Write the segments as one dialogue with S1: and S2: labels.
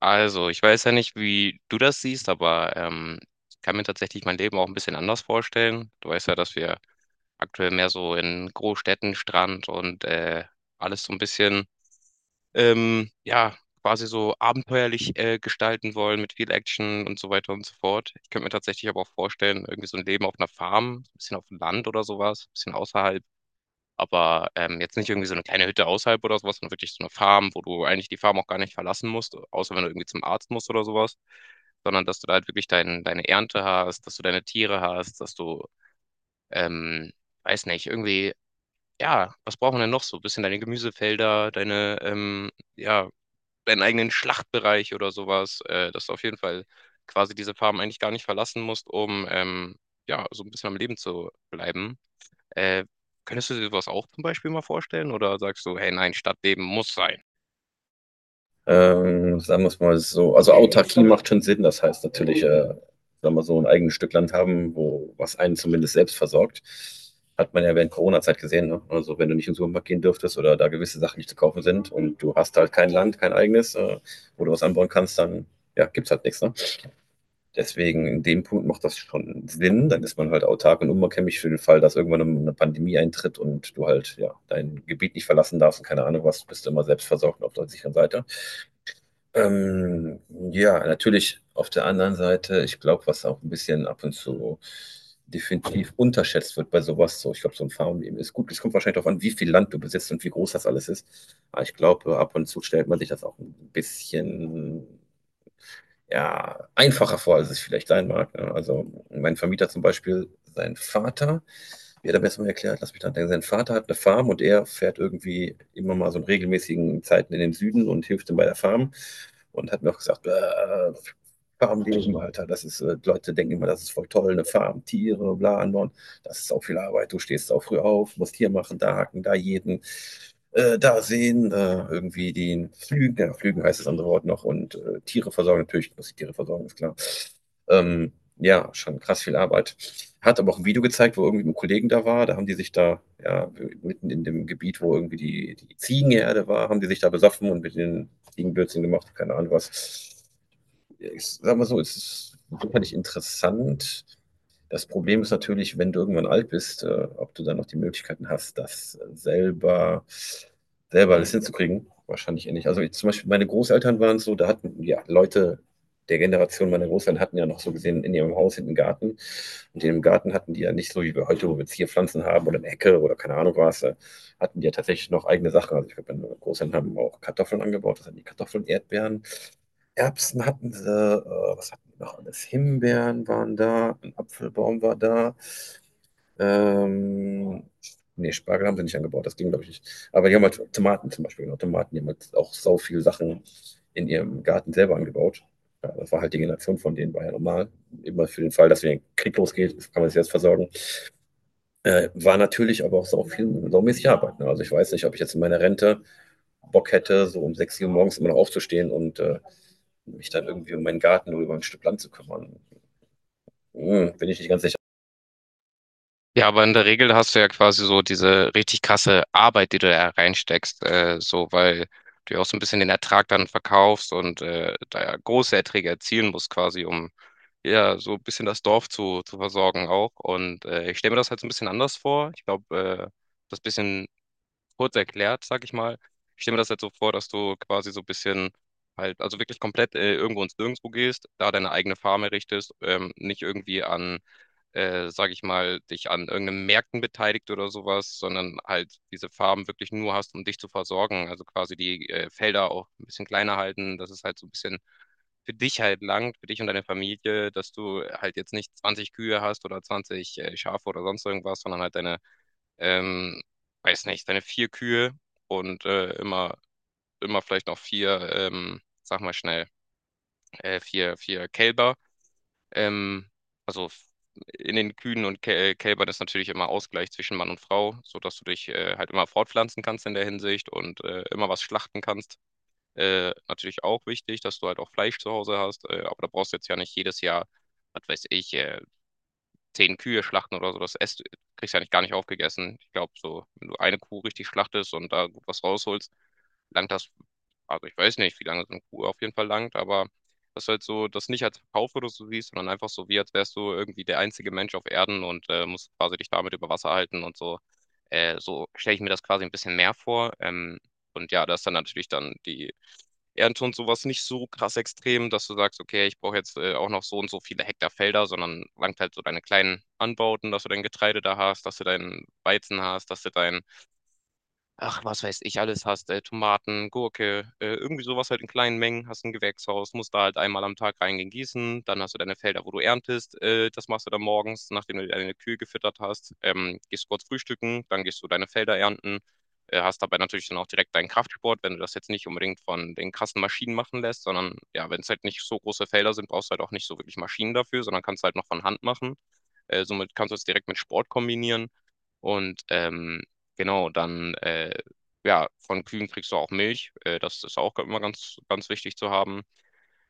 S1: Also, ich weiß ja nicht, wie du das siehst, aber ich kann mir tatsächlich mein Leben auch ein bisschen anders vorstellen. Du weißt ja, dass wir aktuell mehr so in Großstädten, Strand und alles so ein bisschen, ja, quasi so abenteuerlich gestalten wollen mit viel Action und so weiter und so fort. Ich könnte mir tatsächlich aber auch vorstellen, irgendwie so ein Leben auf einer Farm, so ein bisschen auf dem Land oder sowas, ein bisschen außerhalb. Aber jetzt nicht irgendwie so eine kleine Hütte außerhalb oder so was, sondern wirklich so eine Farm, wo du eigentlich die Farm auch gar nicht verlassen musst, außer wenn du irgendwie zum Arzt musst oder sowas, sondern dass du da halt wirklich deine Ernte hast, dass du deine Tiere hast, dass du, ähm, weiß nicht, irgendwie ja, was braucht man denn noch so? Ein bisschen deine Gemüsefelder, deine, ja, deinen eigenen Schlachtbereich oder sowas, dass du auf jeden Fall quasi diese Farm eigentlich gar nicht verlassen musst, um, ja, so ein bisschen am Leben zu bleiben. Äh, Könntest du dir sowas auch zum Beispiel mal vorstellen oder sagst du, hey, nein, Stadtleben muss sein?
S2: Sagen wir es mal so. Also Autarkie macht schon Sinn. Das heißt natürlich, sagen wir so, ein eigenes Stück Land haben, wo was einen zumindest selbst versorgt. Hat man ja während Corona-Zeit gesehen. Ne? Also wenn du nicht in den Supermarkt gehen dürftest oder da gewisse Sachen nicht zu kaufen sind und du hast halt kein Land, kein eigenes, wo du was anbauen kannst, dann ja, gibt's halt nichts. Ne? Deswegen in dem Punkt macht das schon Sinn. Dann ist man halt autark und unumkömmlich für den Fall, dass irgendwann um eine Pandemie eintritt und du halt ja dein Gebiet nicht verlassen darfst und keine Ahnung was, bist du immer selbst versorgt und auf der sicheren Seite. Ähm, ja, natürlich auf der anderen Seite, ich glaube, was auch ein bisschen ab und zu definitiv unterschätzt wird bei sowas, so ich glaube, so ein Farmleben ist gut. Es kommt wahrscheinlich darauf an, wie viel Land du besitzt und wie groß das alles ist. Aber ich glaube, ab und zu stellt man sich das auch ein bisschen ja, einfacher vor, als es vielleicht sein mag. Ne? Also mein Vermieter zum Beispiel, sein Vater, wie hat er mir mal erklärt? Lass mich dann denken. Sein Vater hat eine Farm und er fährt irgendwie immer mal so in regelmäßigen Zeiten in den Süden und hilft ihm bei der Farm. Und hat mir auch gesagt, Farmleben, Alter, das ist, Leute denken immer, das ist voll toll, eine Farm, Tiere, bla, anbauen. Das ist auch viel Arbeit. Du stehst auch früh auf, musst hier machen, da haken, da jeden, da sehen, irgendwie den Flügen, ja, Flügen heißt das andere Wort noch, und Tiere versorgen, natürlich muss ich Tiere versorgen, ist klar. Ja, schon krass viel Arbeit. Hat aber auch ein Video gezeigt, wo irgendwie ein Kollegen da war. Da haben die sich da, ja, mitten in dem Gebiet, wo irgendwie die Ziegenherde war, haben die sich da besoffen und mit den Ziegenbürzeln gemacht, keine Ahnung was ich sag mal so, es ist sicherlich interessant. Das Problem ist natürlich, wenn du irgendwann alt bist, ob du dann noch die Möglichkeiten hast, selber alles hinzukriegen. Wahrscheinlich eher nicht. Also ich, zum Beispiel meine Großeltern waren so, da hatten ja Leute der Generation meiner Großeltern hatten ja noch so gesehen in ihrem Haus hinten einen Garten. Und in dem Garten hatten die ja nicht so wie wir heute, wo wir Zierpflanzen haben oder eine Hecke oder keine Ahnung was, hatten die ja tatsächlich noch eigene Sachen. Also ich glaube, meine Großeltern haben auch Kartoffeln angebaut, das hatten die Kartoffeln, Erdbeeren, Erbsen hatten sie, was hatten wir noch alles? Himbeeren waren da, ein Apfelbaum war da. Ähm, nee, Spargel haben sie nicht angebaut, das ging, glaube ich, nicht. Aber die haben halt Tomaten zum Beispiel, genau, Tomaten, die haben halt auch so viele Sachen in ihrem Garten selber angebaut. Ja, das war halt die Generation von denen, war ja normal. Immer für den Fall, dass wenn ein Krieg losgeht, kann man sich selbst versorgen. War natürlich aber auch sau viel, saumäßig Arbeit. Ne? Also ich weiß nicht, ob ich jetzt in meiner Rente Bock hätte, so um 6 Uhr morgens immer noch aufzustehen und mich dann irgendwie um meinen Garten oder über ein Stück Land zu kümmern. Hm, bin ich nicht ganz sicher.
S1: Ja, aber in der Regel hast du ja quasi so diese richtig krasse Arbeit, die du da reinsteckst, so, weil du ja auch so ein bisschen den Ertrag dann verkaufst und da ja große Erträge erzielen musst quasi, um ja so ein bisschen das Dorf zu versorgen auch. Und ich stelle mir das halt so ein bisschen anders vor. Ich glaube, äh, das bisschen kurz erklärt, sag ich mal. Ich stelle mir das jetzt so vor, dass du quasi so ein bisschen halt, also wirklich komplett irgendwo ins Nirgendwo gehst, da deine eigene Farm errichtest, nicht irgendwie sag ich mal, dich an irgendeinen Märkten beteiligt oder sowas, sondern halt diese Farm wirklich nur hast, um dich zu versorgen. Also quasi die Felder auch ein bisschen kleiner halten, dass es halt so ein bisschen für dich halt langt, für dich und deine Familie, dass du halt jetzt nicht 20 Kühe hast oder 20 Schafe oder sonst irgendwas, sondern halt deine ähm, weiß nicht, deine vier Kühe und immer vielleicht noch vier, sag mal schnell, vier Kälber. Ähm, also f- in den Kühen und Kälbern ist natürlich immer Ausgleich zwischen Mann und Frau, sodass du dich halt immer fortpflanzen kannst in der Hinsicht und immer was schlachten kannst. Natürlich auch wichtig, dass du halt auch Fleisch zu Hause hast, aber da brauchst du jetzt ja nicht jedes Jahr, was weiß ich, 10 Kühe schlachten oder so, das esst, kriegst du eigentlich gar nicht aufgegessen. Ich glaube, so, wenn du eine Kuh richtig schlachtest und da gut was rausholst, langt das, also ich weiß nicht, wie lange so eine Kuh auf jeden Fall langt, aber das ist halt so, das nicht als Verkauf oder so siehst, sondern einfach so, wie als wärst du irgendwie der einzige Mensch auf Erden und musst quasi dich damit über Wasser halten und so. So stelle ich mir das quasi ein bisschen mehr vor. Und ja, das ist dann natürlich dann die Ernte und sowas nicht so krass extrem, dass du sagst, okay, ich brauche jetzt auch noch so und so viele Hektar Felder, sondern langt halt so deine kleinen Anbauten, dass du dein Getreide da hast, dass du deinen Weizen hast, dass du dein Ach, was weiß ich, alles hast, Tomaten, Gurke, irgendwie sowas halt in kleinen Mengen, hast ein Gewächshaus, musst da halt einmal am Tag reingehen gießen, dann hast du deine Felder, wo du erntest, das machst du dann morgens, nachdem du deine Kühe gefüttert hast, gehst du kurz frühstücken, dann gehst du deine Felder ernten, hast dabei natürlich dann auch direkt deinen Kraftsport, wenn du das jetzt nicht unbedingt von den krassen Maschinen machen lässt, sondern ja, wenn es halt nicht so große Felder sind, brauchst du halt auch nicht so wirklich Maschinen dafür, sondern kannst halt noch von Hand machen. Somit kannst du es direkt mit Sport kombinieren. Und genau, dann ja, von Kühen kriegst du auch Milch. Das ist auch immer ganz, ganz wichtig zu haben.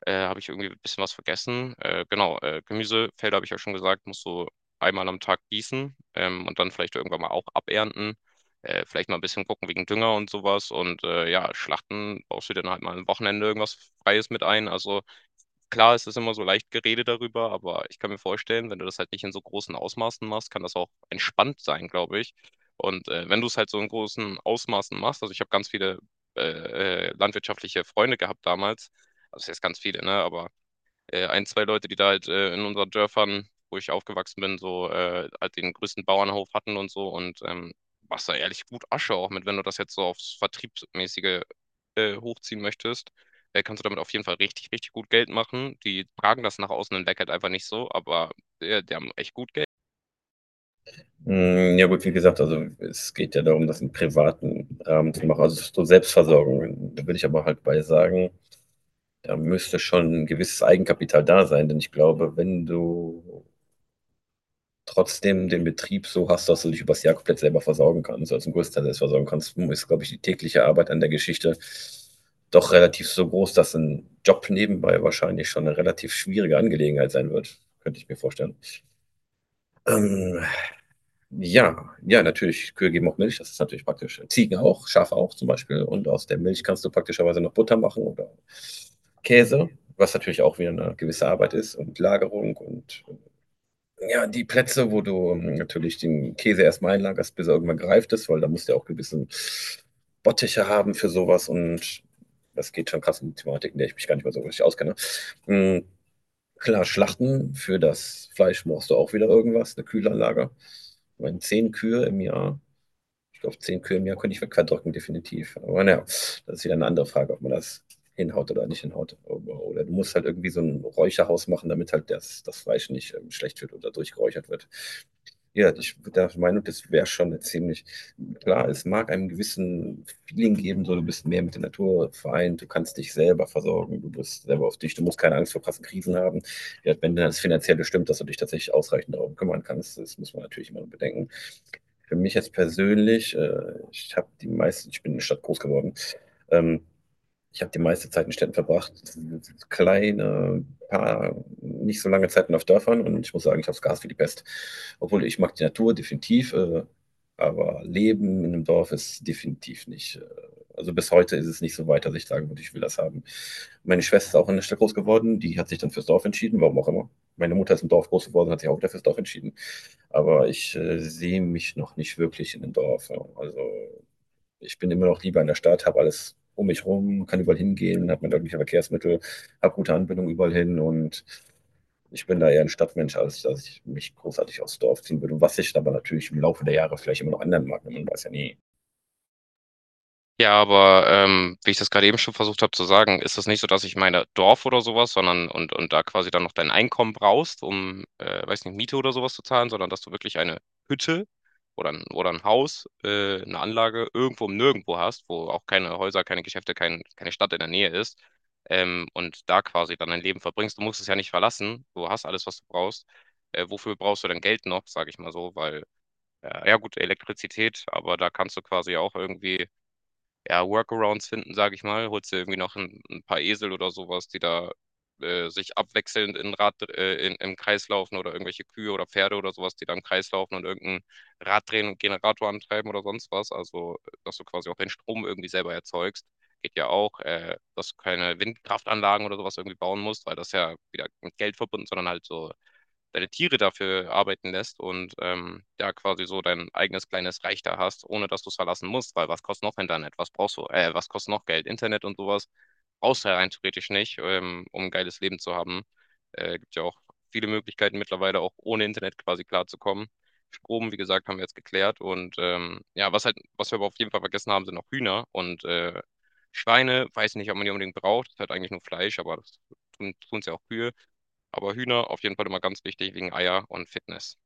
S1: Habe ich irgendwie ein bisschen was vergessen. Genau, Gemüsefelder habe ich ja schon gesagt, musst du einmal am Tag gießen und dann vielleicht irgendwann mal auch abernten. Vielleicht mal ein bisschen gucken wegen Dünger und sowas. Und ja, Schlachten baust du dann halt mal am Wochenende irgendwas Freies mit ein. Also klar, es ist immer so leicht geredet darüber, aber ich kann mir vorstellen, wenn du das halt nicht in so großen Ausmaßen machst, kann das auch entspannt sein, glaube ich. Und, wenn du es halt so in großen Ausmaßen machst, also ich habe ganz viele, landwirtschaftliche Freunde gehabt damals. Also, was heißt ganz viele, ne, aber ein, zwei Leute, die da halt in unseren Dörfern, wo ich aufgewachsen bin, so halt den größten Bauernhof hatten und so und machst da ehrlich gut Asche auch mit, wenn du das jetzt so aufs Vertriebsmäßige hochziehen möchtest. Kannst du damit auf jeden Fall richtig, richtig gut Geld machen. Die tragen das nach außen hinweg halt einfach nicht so, aber die haben echt gut Geld.
S2: Hm, ja gut, wie gesagt, also es geht ja darum, das im privaten Rahmen zu machen, also so Selbstversorgung. Da würde ich aber halt bei sagen, da müsste schon ein gewisses Eigenkapital da sein, denn ich glaube, wenn du trotzdem den Betrieb so hast, dass du dich übers Jahr komplett selber versorgen kannst, also zum Großteil selbst versorgen kannst, ist, glaube ich, die tägliche Arbeit an der Geschichte doch relativ so groß, dass ein Job nebenbei wahrscheinlich schon eine relativ schwierige Angelegenheit sein wird, könnte ich mir vorstellen. Ähm, ja, natürlich, Kühe geben auch Milch, das ist natürlich praktisch. Ziegen auch, Schafe auch zum Beispiel und aus der Milch kannst du praktischerweise noch Butter machen oder Käse, was natürlich auch wieder eine gewisse Arbeit ist und Lagerung und ja, die Plätze, wo du natürlich den Käse erstmal einlagerst, bis er irgendwann gereift ist, weil da musst du ja auch gewissen Bottiche haben für sowas und das geht schon krass um die Thematik, in der ich mich gar nicht mehr so richtig auskenne. Mhm, klar, Schlachten für das Fleisch brauchst du auch wieder irgendwas, eine Kühlanlage. Ich meine, zehn Kühe im Jahr Ich glaube, 10 Kühe im Jahr könnte ich verdrücken, definitiv. Aber naja, das ist wieder eine andere Frage, ob man das hinhaut oder nicht hinhaut. Oder du musst halt irgendwie so ein Räucherhaus machen, damit halt das Fleisch nicht schlecht wird oder durchgeräuchert wird. Ja, ich bin der Meinung, das wäre schon eine ziemlich klar. Es mag einem gewissen Feeling geben, so du bist mehr mit der Natur vereint, du kannst dich selber versorgen, du bist selber auf dich, du musst keine Angst vor krassen Krisen haben. Ja, wenn das finanziell stimmt, dass du dich tatsächlich ausreichend darum kümmern kannst, das muss man natürlich immer bedenken. Für mich jetzt persönlich, ich habe die meisten, ich bin in der Stadt groß geworden. Ähm, ich habe die meiste Zeit in Städten verbracht, kleine, paar, nicht so lange Zeiten auf Dörfern und ich muss sagen, ich habe es gehasst wie die Pest. Obwohl ich mag die Natur definitiv, aber Leben in einem Dorf ist definitiv nicht. Also bis heute ist es nicht so weit, dass ich sagen würde, ich will das haben. Meine Schwester ist auch in der Stadt groß geworden, die hat sich dann fürs Dorf entschieden, warum auch immer. Meine Mutter ist im Dorf groß geworden, hat sich auch wieder fürs Dorf entschieden. Aber ich sehe mich noch nicht wirklich in einem Dorf. Ja. Also ich bin immer noch lieber in der Stadt, habe alles um mich rum, kann überall hingehen, habe meine öffentlichen Verkehrsmittel, habe gute Anbindung überall hin und ich bin da eher ein Stadtmensch, als dass ich mich großartig aufs Dorf ziehen würde. Was sich aber natürlich im Laufe der Jahre vielleicht immer noch ändern mag. Ne? Man weiß ja nie.
S1: Ja, aber wie ich das gerade eben schon versucht habe zu sagen, ist es nicht so, dass ich meine Dorf oder sowas, sondern und da quasi dann noch dein Einkommen brauchst, um, weiß nicht, Miete oder sowas zu zahlen, sondern dass du wirklich eine Hütte oder ein Haus, eine Anlage irgendwo im Nirgendwo hast, wo auch keine Häuser, keine Geschäfte, kein, keine Stadt in der Nähe ist, und da quasi dann dein Leben verbringst. Du musst es ja nicht verlassen, du hast alles, was du brauchst. Wofür brauchst du denn Geld noch, sage ich mal so, weil, ja gut, Elektrizität, aber da kannst du quasi auch irgendwie ja, Workarounds finden, sage ich mal. Holst dir irgendwie noch ein paar Esel oder sowas, die da sich abwechselnd im Kreis laufen oder irgendwelche Kühe oder Pferde oder sowas, die da im Kreis laufen und irgendein Rad drehen und Generator antreiben oder sonst was. Also, dass du quasi auch den Strom irgendwie selber erzeugst. Geht ja auch, dass du keine Windkraftanlagen oder sowas irgendwie bauen musst, weil das ja wieder mit Geld verbunden, sondern halt so deine Tiere dafür arbeiten lässt und ja quasi so dein eigenes kleines Reich da hast, ohne dass du es verlassen musst, weil was kostet noch Internet? Was brauchst du? Was kostet noch Geld? Internet und sowas brauchst du ja rein theoretisch nicht, um ein geiles Leben zu haben. Gibt ja auch viele Möglichkeiten mittlerweile auch ohne Internet quasi klarzukommen. Strom, wie gesagt, haben wir jetzt geklärt und ja, was halt, was wir aber auf jeden Fall vergessen haben, sind noch Hühner und Schweine, weiß nicht, ob man die unbedingt braucht, das ist halt eigentlich nur Fleisch, aber das tun's ja auch Kühe. Aber Hühner auf jeden Fall immer ganz wichtig wegen Eier und Fitness.